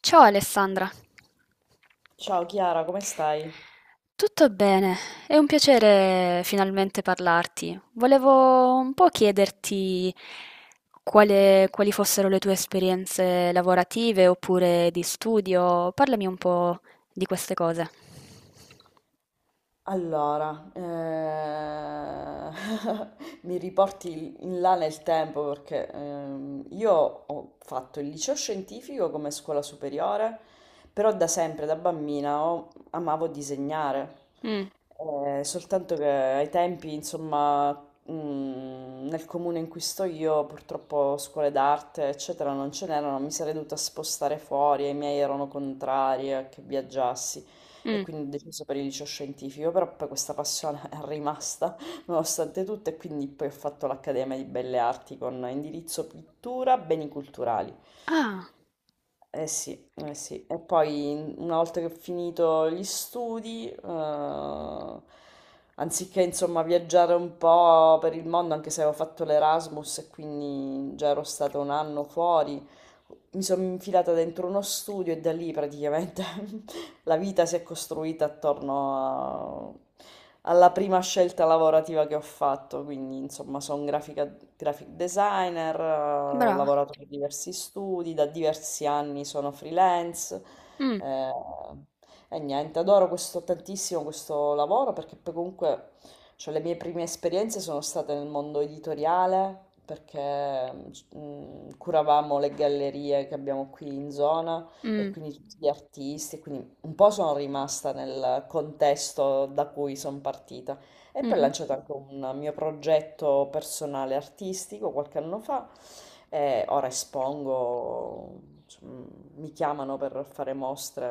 Ciao Alessandra. Ciao Chiara, come stai? Tutto bene, è un piacere finalmente parlarti. Volevo un po' chiederti quali fossero le tue esperienze lavorative oppure di studio. Parlami un po' di queste cose. Allora, mi riporti in là nel tempo perché io ho fatto il liceo scientifico come scuola superiore, però da sempre, da bambina, amavo disegnare. Mm, Soltanto che ai tempi, insomma, nel comune in cui sto io, purtroppo scuole d'arte, eccetera, non ce n'erano, mi sarei dovuta spostare fuori, e i miei erano contrari a che viaggiassi. E mm. quindi ho deciso per il liceo scientifico, però poi questa passione è rimasta nonostante tutto e quindi poi ho fatto l'Accademia di Belle Arti con indirizzo pittura, beni culturali. Ah, Eh sì, eh sì. E poi una volta che ho finito gli studi, anziché insomma viaggiare un po' per il mondo, anche se avevo fatto l'Erasmus e quindi già ero stata un anno fuori, mi sono infilata dentro uno studio e da lì praticamente la vita si è costruita alla prima scelta lavorativa che ho fatto, quindi insomma sono graphic designer, ho brava. lavorato per diversi studi, da diversi anni sono freelance Mm, eh, e niente, adoro questo, tantissimo questo lavoro perché poi comunque cioè, le mie prime esperienze sono state nel mondo editoriale perché curavamo le gallerie che abbiamo qui in zona e mm, quindi tutti gli artisti, quindi un po' sono rimasta nel contesto da cui sono partita. E poi ho mhm. lanciato anche un mio progetto personale artistico qualche anno fa, e ora espongo, insomma, mi chiamano per fare mostre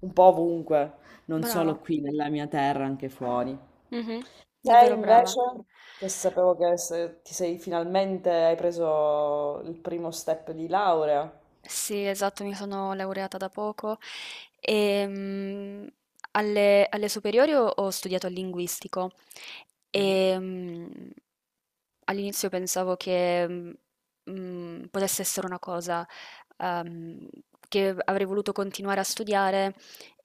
un po' ovunque, non Brava. solo qui nella mia terra, anche fuori. Mhm. Te Davvero brava. invece, che sapevo che se- ti sei finalmente hai preso il primo step di laurea. Sì, esatto, mi sono laureata da poco e alle superiori ho studiato il linguistico e all'inizio pensavo che potesse essere una cosa ehm, che avrei voluto continuare a studiare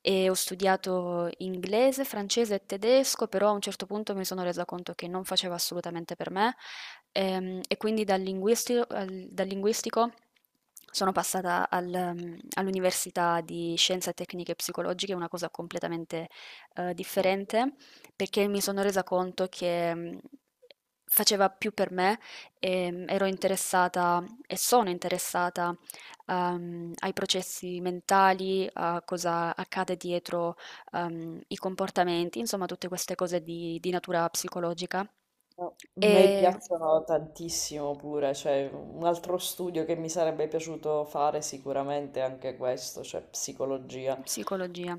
e ho studiato inglese, francese e tedesco, però a un certo punto mi sono resa conto che non faceva assolutamente per me. E quindi dal linguistico sono passata all'università di Scienze Tecniche e Psicologiche, una cosa completamente Mhm. differente, perché mi sono resa conto che faceva più per me, ero interessata e sono interessata ai processi mentali, a cosa accade dietro i comportamenti, insomma tutte queste cose di natura psicologica. No, a me E. piacciono tantissimo pure, cioè un altro studio che mi sarebbe piaciuto fare sicuramente è anche questo, cioè psicologia. Psicologia.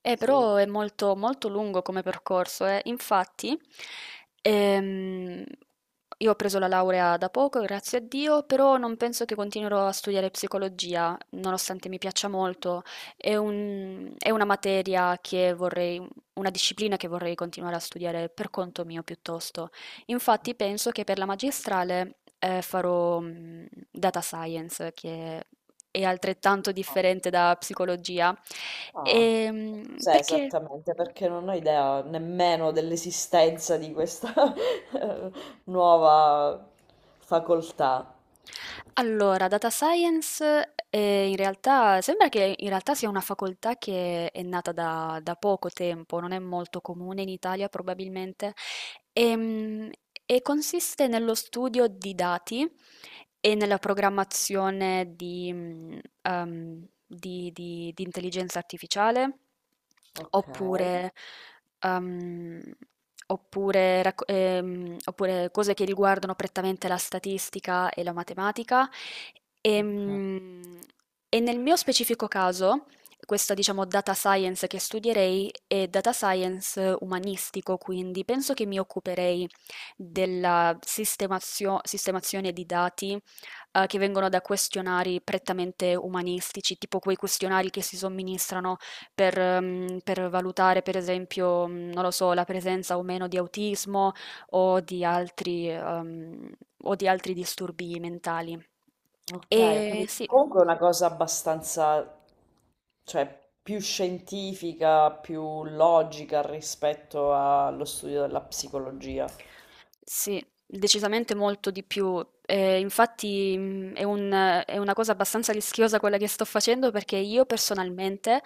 Sì. Però è molto, molto lungo come percorso, eh. Infatti, ehm, io ho preso la laurea da poco, grazie a Dio, però non penso che continuerò a studiare psicologia, nonostante mi piaccia molto. È una materia che vorrei, una disciplina che vorrei continuare a studiare per conto mio piuttosto. Infatti, penso che per la magistrale, farò, data science, che è altrettanto Ah, differente da psicologia. ah. Cos'è Perché. esattamente? Perché non ho idea nemmeno dell'esistenza di questa nuova facoltà. Allora, data science, in realtà sembra che in realtà sia una facoltà che è nata da poco tempo, non è molto comune in Italia probabilmente, ehm, e consiste nello studio di dati e nella programmazione di, mm, di intelligenza artificiale, Ok, ok, oppure, ehm, oppure oppure cose che riguardano prettamente la statistica e la matematica. Ehm, E, nel mio specifico caso, questa diciamo data science che studierei è data science umanistico, quindi penso che mi occuperei sistemazione di dati che vengono da questionari prettamente umanistici, tipo quei questionari che si somministrano per valutare, per esempio, non lo so, la presenza o meno di autismo o di altri, ehm, o di altri disturbi mentali. ok, ho E capito. sì. Comunque è una cosa abbastanza. Cioè più scientifica, più logica rispetto allo studio della psicologia. Sì, decisamente molto di più. Infatti è una cosa abbastanza rischiosa quella che sto facendo perché io personalmente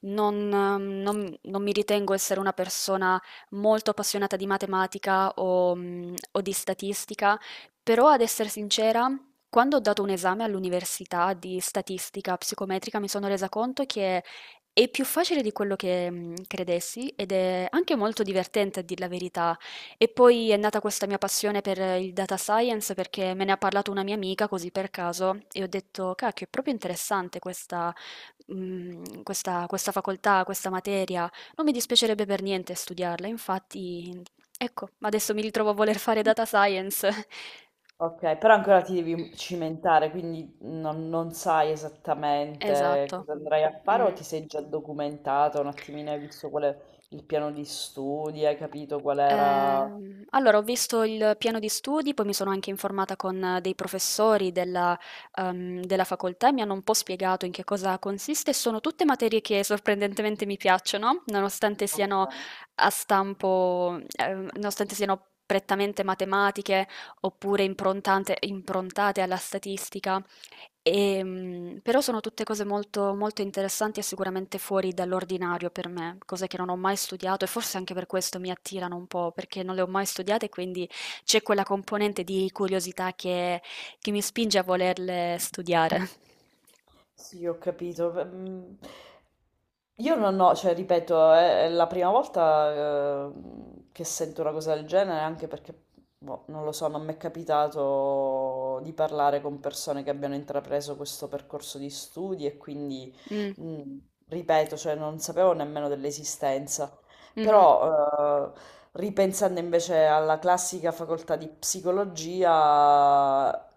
non mi ritengo essere una persona molto appassionata di matematica o di statistica, però ad essere sincera, quando ho dato un esame all'università di statistica psicometrica mi sono resa conto che è più facile di quello che credessi ed è anche molto divertente a dir la verità. E poi è nata questa mia passione per il data science perché me ne ha parlato una mia amica così per caso e ho detto, cacchio, è proprio interessante questa, questa facoltà, questa materia. Non mi dispiacerebbe per niente studiarla, infatti, ecco, adesso mi ritrovo a voler fare data science. Ok, però ancora ti devi cimentare, quindi non sai esattamente Esatto. cosa andrai a fare o Mm. ti sei già documentato un attimino, hai visto qual è il piano di studi, hai capito qual era. Allora ho visto il piano di studi, poi mi sono anche informata con dei professori della facoltà e mi hanno un po' spiegato in che cosa consiste. Sono tutte materie che sorprendentemente mi piacciono, nonostante Ok. siano nonostante siano prettamente matematiche oppure improntate alla statistica. Però sono tutte cose molto, molto interessanti e sicuramente fuori dall'ordinario per me, cose che non ho mai studiato e forse anche per questo mi attirano un po', perché non le ho mai studiate e quindi c'è quella componente di curiosità che mi spinge a volerle studiare. Sì, ho capito. Io non ho, cioè, ripeto, è la prima volta, eh, che sento una cosa del genere, anche perché, boh, non lo so, non mi è capitato di parlare con persone che abbiano intrapreso questo percorso di studi e quindi, Mm, mm, ripeto, cioè, non sapevo nemmeno dell'esistenza. mhm, Però, ripensando invece alla classica facoltà di psicologia,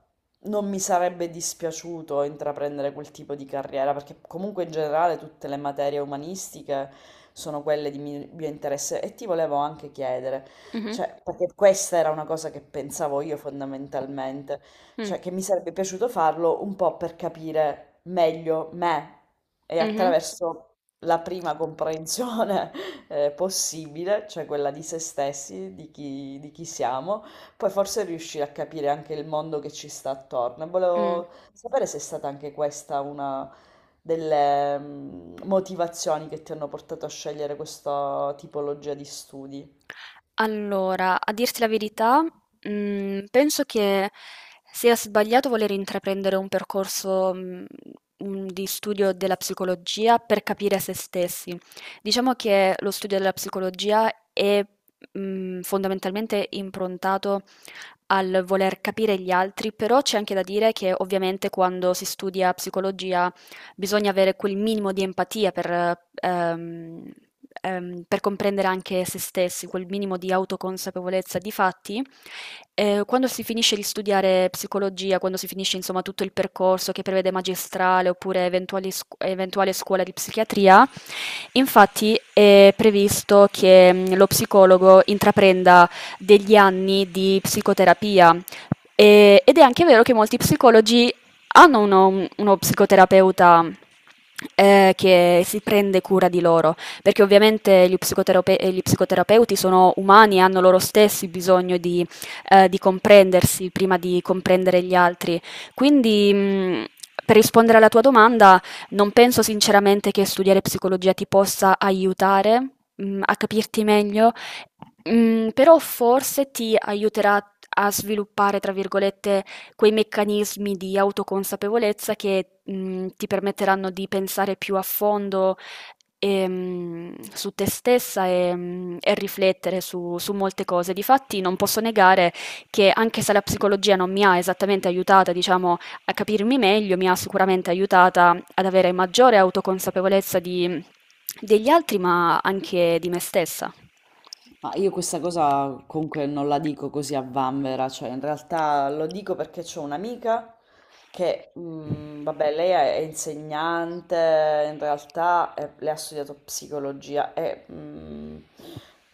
non mi sarebbe dispiaciuto intraprendere quel tipo di carriera, perché comunque in generale tutte le materie umanistiche sono quelle di mio interesse e ti volevo anche chiedere, mhm, cioè, perché questa era una cosa che pensavo io fondamentalmente, mm, cioè che mi sarebbe piaciuto farlo un po' per capire meglio me e mhm, attraverso la prima comprensione possibile, cioè quella di se stessi, di chi siamo, poi forse riuscire a capire anche il mondo che ci sta attorno. E mm. volevo sapere se è stata anche questa una delle motivazioni che ti hanno portato a scegliere questa tipologia di studi. Allora, a dirti la verità, penso che sia sbagliato voler intraprendere un percorso, di studio della psicologia per capire se stessi. Diciamo che lo studio della psicologia è fondamentalmente improntato al voler capire gli altri, però c'è anche da dire che ovviamente quando si studia psicologia bisogna avere quel minimo di empatia per comprendere anche se stessi, quel minimo di autoconsapevolezza. Difatti, quando si finisce di studiare psicologia, quando si finisce insomma tutto il percorso che prevede magistrale oppure eventuali eventuale scuola di psichiatria, infatti è previsto che lo psicologo intraprenda degli anni di psicoterapia. Ed è anche vero che molti psicologi hanno uno psicoterapeuta che si prende cura di loro, perché ovviamente gli gli psicoterapeuti sono umani e hanno loro stessi bisogno di comprendersi prima di comprendere gli altri. Quindi, per rispondere alla tua domanda, non penso sinceramente che studiare psicologia ti possa aiutare a capirti meglio. Però forse ti aiuterà a sviluppare, tra virgolette, quei meccanismi di autoconsapevolezza che ti permetteranno di pensare più a fondo, su te stessa e riflettere su molte cose. Difatti non posso negare che anche se la psicologia non mi ha esattamente aiutata, diciamo, a capirmi meglio, mi ha sicuramente aiutata ad avere maggiore autoconsapevolezza di degli altri, ma anche di me stessa. Ma io questa cosa comunque non la dico così a vanvera, cioè in realtà lo dico perché c'ho un'amica che, vabbè, lei è insegnante, in realtà lei ha studiato psicologia e,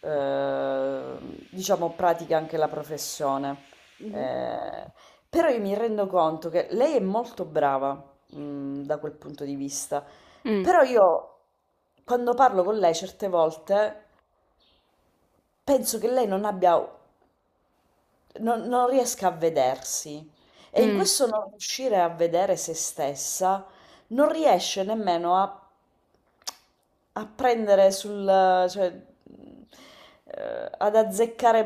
eh, diciamo, pratica anche la professione. Eh, Però io mi rendo conto che lei è molto brava, da quel punto di vista, Mh, però io quando parlo con lei certe volte. Penso che lei non abbia non riesca a vedersi e in mh, questo non riuscire a vedere se stessa, non riesce nemmeno a prendere sul cioè, mhmm, ad azzeccare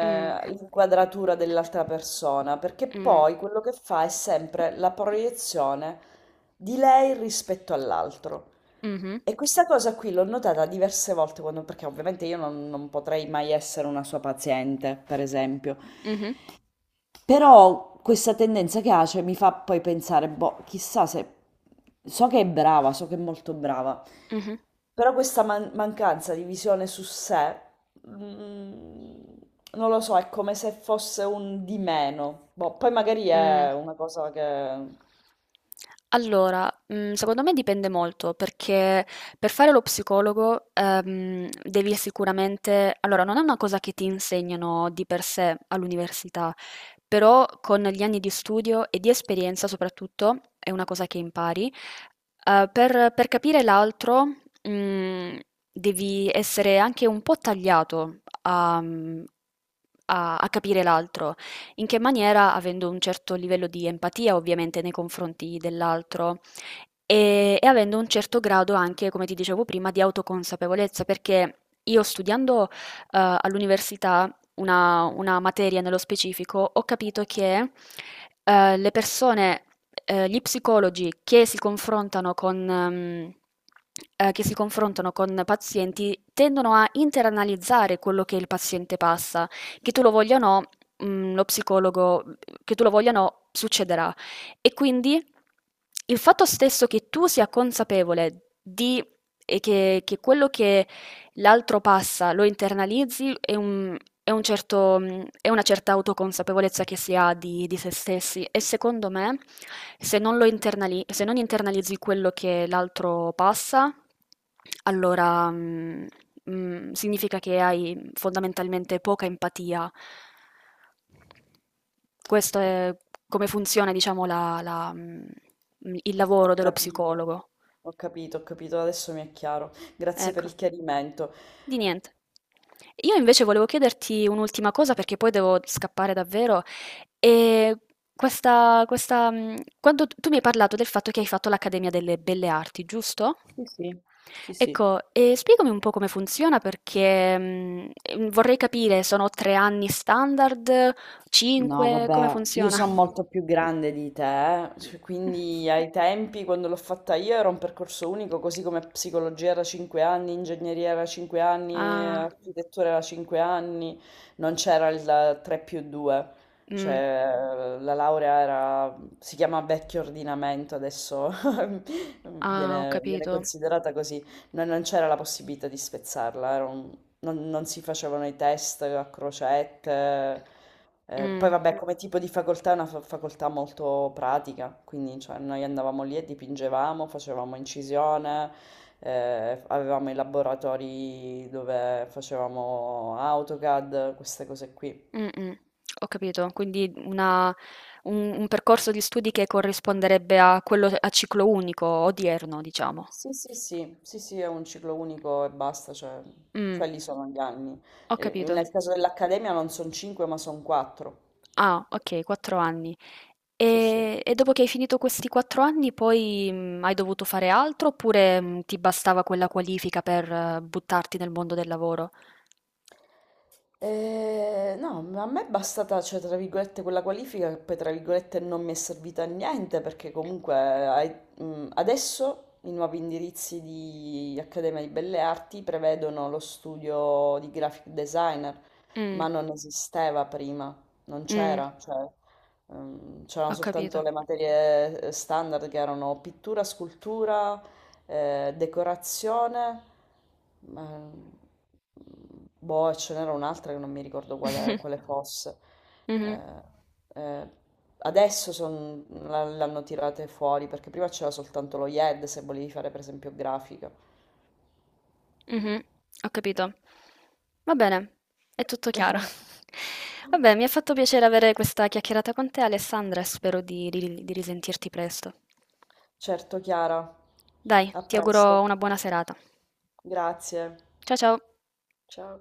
mh. l'inquadratura dell'altra persona, perché Mh. poi quello che fa è sempre la proiezione di lei rispetto all'altro. Mh-mh. E questa cosa qui l'ho notata diverse volte, quando- perché ovviamente io non potrei mai essere una sua paziente, per esempio. Mh-mh. Però questa tendenza che ha, cioè, mi fa poi pensare, boh, chissà se. So che è brava, so che è molto brava, Mh-mh. però questa mancanza di visione su sé, mm, non lo so, è come se fosse un di meno. Boh, poi magari Mh. è una cosa che. Allora, secondo me dipende molto, perché per fare lo psicologo, devi sicuramente, allora, non è una cosa che ti insegnano di per sé all'università, però con gli anni di studio e di esperienza soprattutto, è una cosa che impari, per capire l'altro, mhmm, devi essere anche un po' tagliato a a capire l'altro, in che maniera, avendo un certo livello di empatia ovviamente nei confronti dell'altro e avendo un certo grado anche, come ti dicevo prima, di autoconsapevolezza, perché io studiando all'università una materia nello specifico ho capito che le persone, gli psicologi che si confrontano con che si confrontano con pazienti tendono a interanalizzare quello che il paziente passa, che tu lo voglia o no, lo psicologo, che tu lo voglia o no, succederà. E quindi il fatto stesso che tu sia consapevole di che quello che l'altro passa, lo internalizzi, è è una certa autoconsapevolezza che si ha di se stessi, e secondo me se non internalizzi quello che l'altro passa, allora significa che hai fondamentalmente poca empatia. Questo è come funziona, diciamo, il lavoro Ho dello capito, psicologo. ho capito, ho capito, adesso mi è chiaro. Grazie per Ecco. il chiarimento. Di niente. Io invece volevo chiederti un'ultima cosa perché poi devo scappare davvero. E quando tu mi hai parlato del fatto che hai fatto l'Accademia delle Belle Arti, giusto? Sì, sì, sì, sì. Ecco, e spiegami un po' come funziona perché vorrei capire, sono tre anni standard, No, cinque, come vabbè, io funziona? sono molto più grande di te, eh. Cioè, quindi ai tempi quando l'ho fatta io era un percorso unico, così come psicologia era 5 anni, ingegneria era 5 anni, Ah, architettura era 5 anni, non c'era il 3 più 2, mm, cioè la laurea era, si chiama vecchio ordinamento, adesso ah, ho viene capito. considerata così, non c'era la possibilità di spezzarla, era un non non si facevano i test a crocette, poi Mm. vabbè come tipo di facoltà è una fa facoltà molto pratica, quindi cioè noi andavamo lì e dipingevamo, facevamo incisione, avevamo i laboratori dove facevamo AutoCAD, queste cose qui. Mh-mh, ho capito. Quindi una un percorso di studi che corrisponderebbe a quello a ciclo unico odierno, diciamo. Sì, sì, sì, sì, sì, è un ciclo unico e basta, cioè Mh, quelli sono gli anni. ho capito. Nel caso dell'Accademia non sono 5 ma sono 4. Ah, okay, 4 anni. Sì, sì. E dopo che hai finito questi 4 anni poi, hai dovuto fare altro oppure, ti bastava quella qualifica per buttarti nel mondo del lavoro? No, ma a me è bastata, cioè, tra virgolette, quella qualifica che poi, tra virgolette, non mi è servita a niente perché comunque adesso i nuovi indirizzi di Accademia di Belle Arti prevedono lo studio di graphic designer, Mh, ma non esisteva prima, non mh, c'era, cioè, c'erano ho soltanto capito. le materie standard che erano pittura, scultura, decorazione, ma- mm, boh, ce n'era un'altra che non mi ricordo quale fosse. Mh-mh. Eh, eh, Adesso l'hanno tirate fuori perché prima c'era soltanto lo YED se volevi fare per esempio grafica. Mh-mh, ho capito. Va bene, è tutto chiaro. Vabbè, mi ha fatto piacere avere questa chiacchierata con te, Alessandra, e spero di risentirti presto. Certo, Chiara, Dai, a ti auguro presto. una buona serata. Grazie. Ciao. Ciao.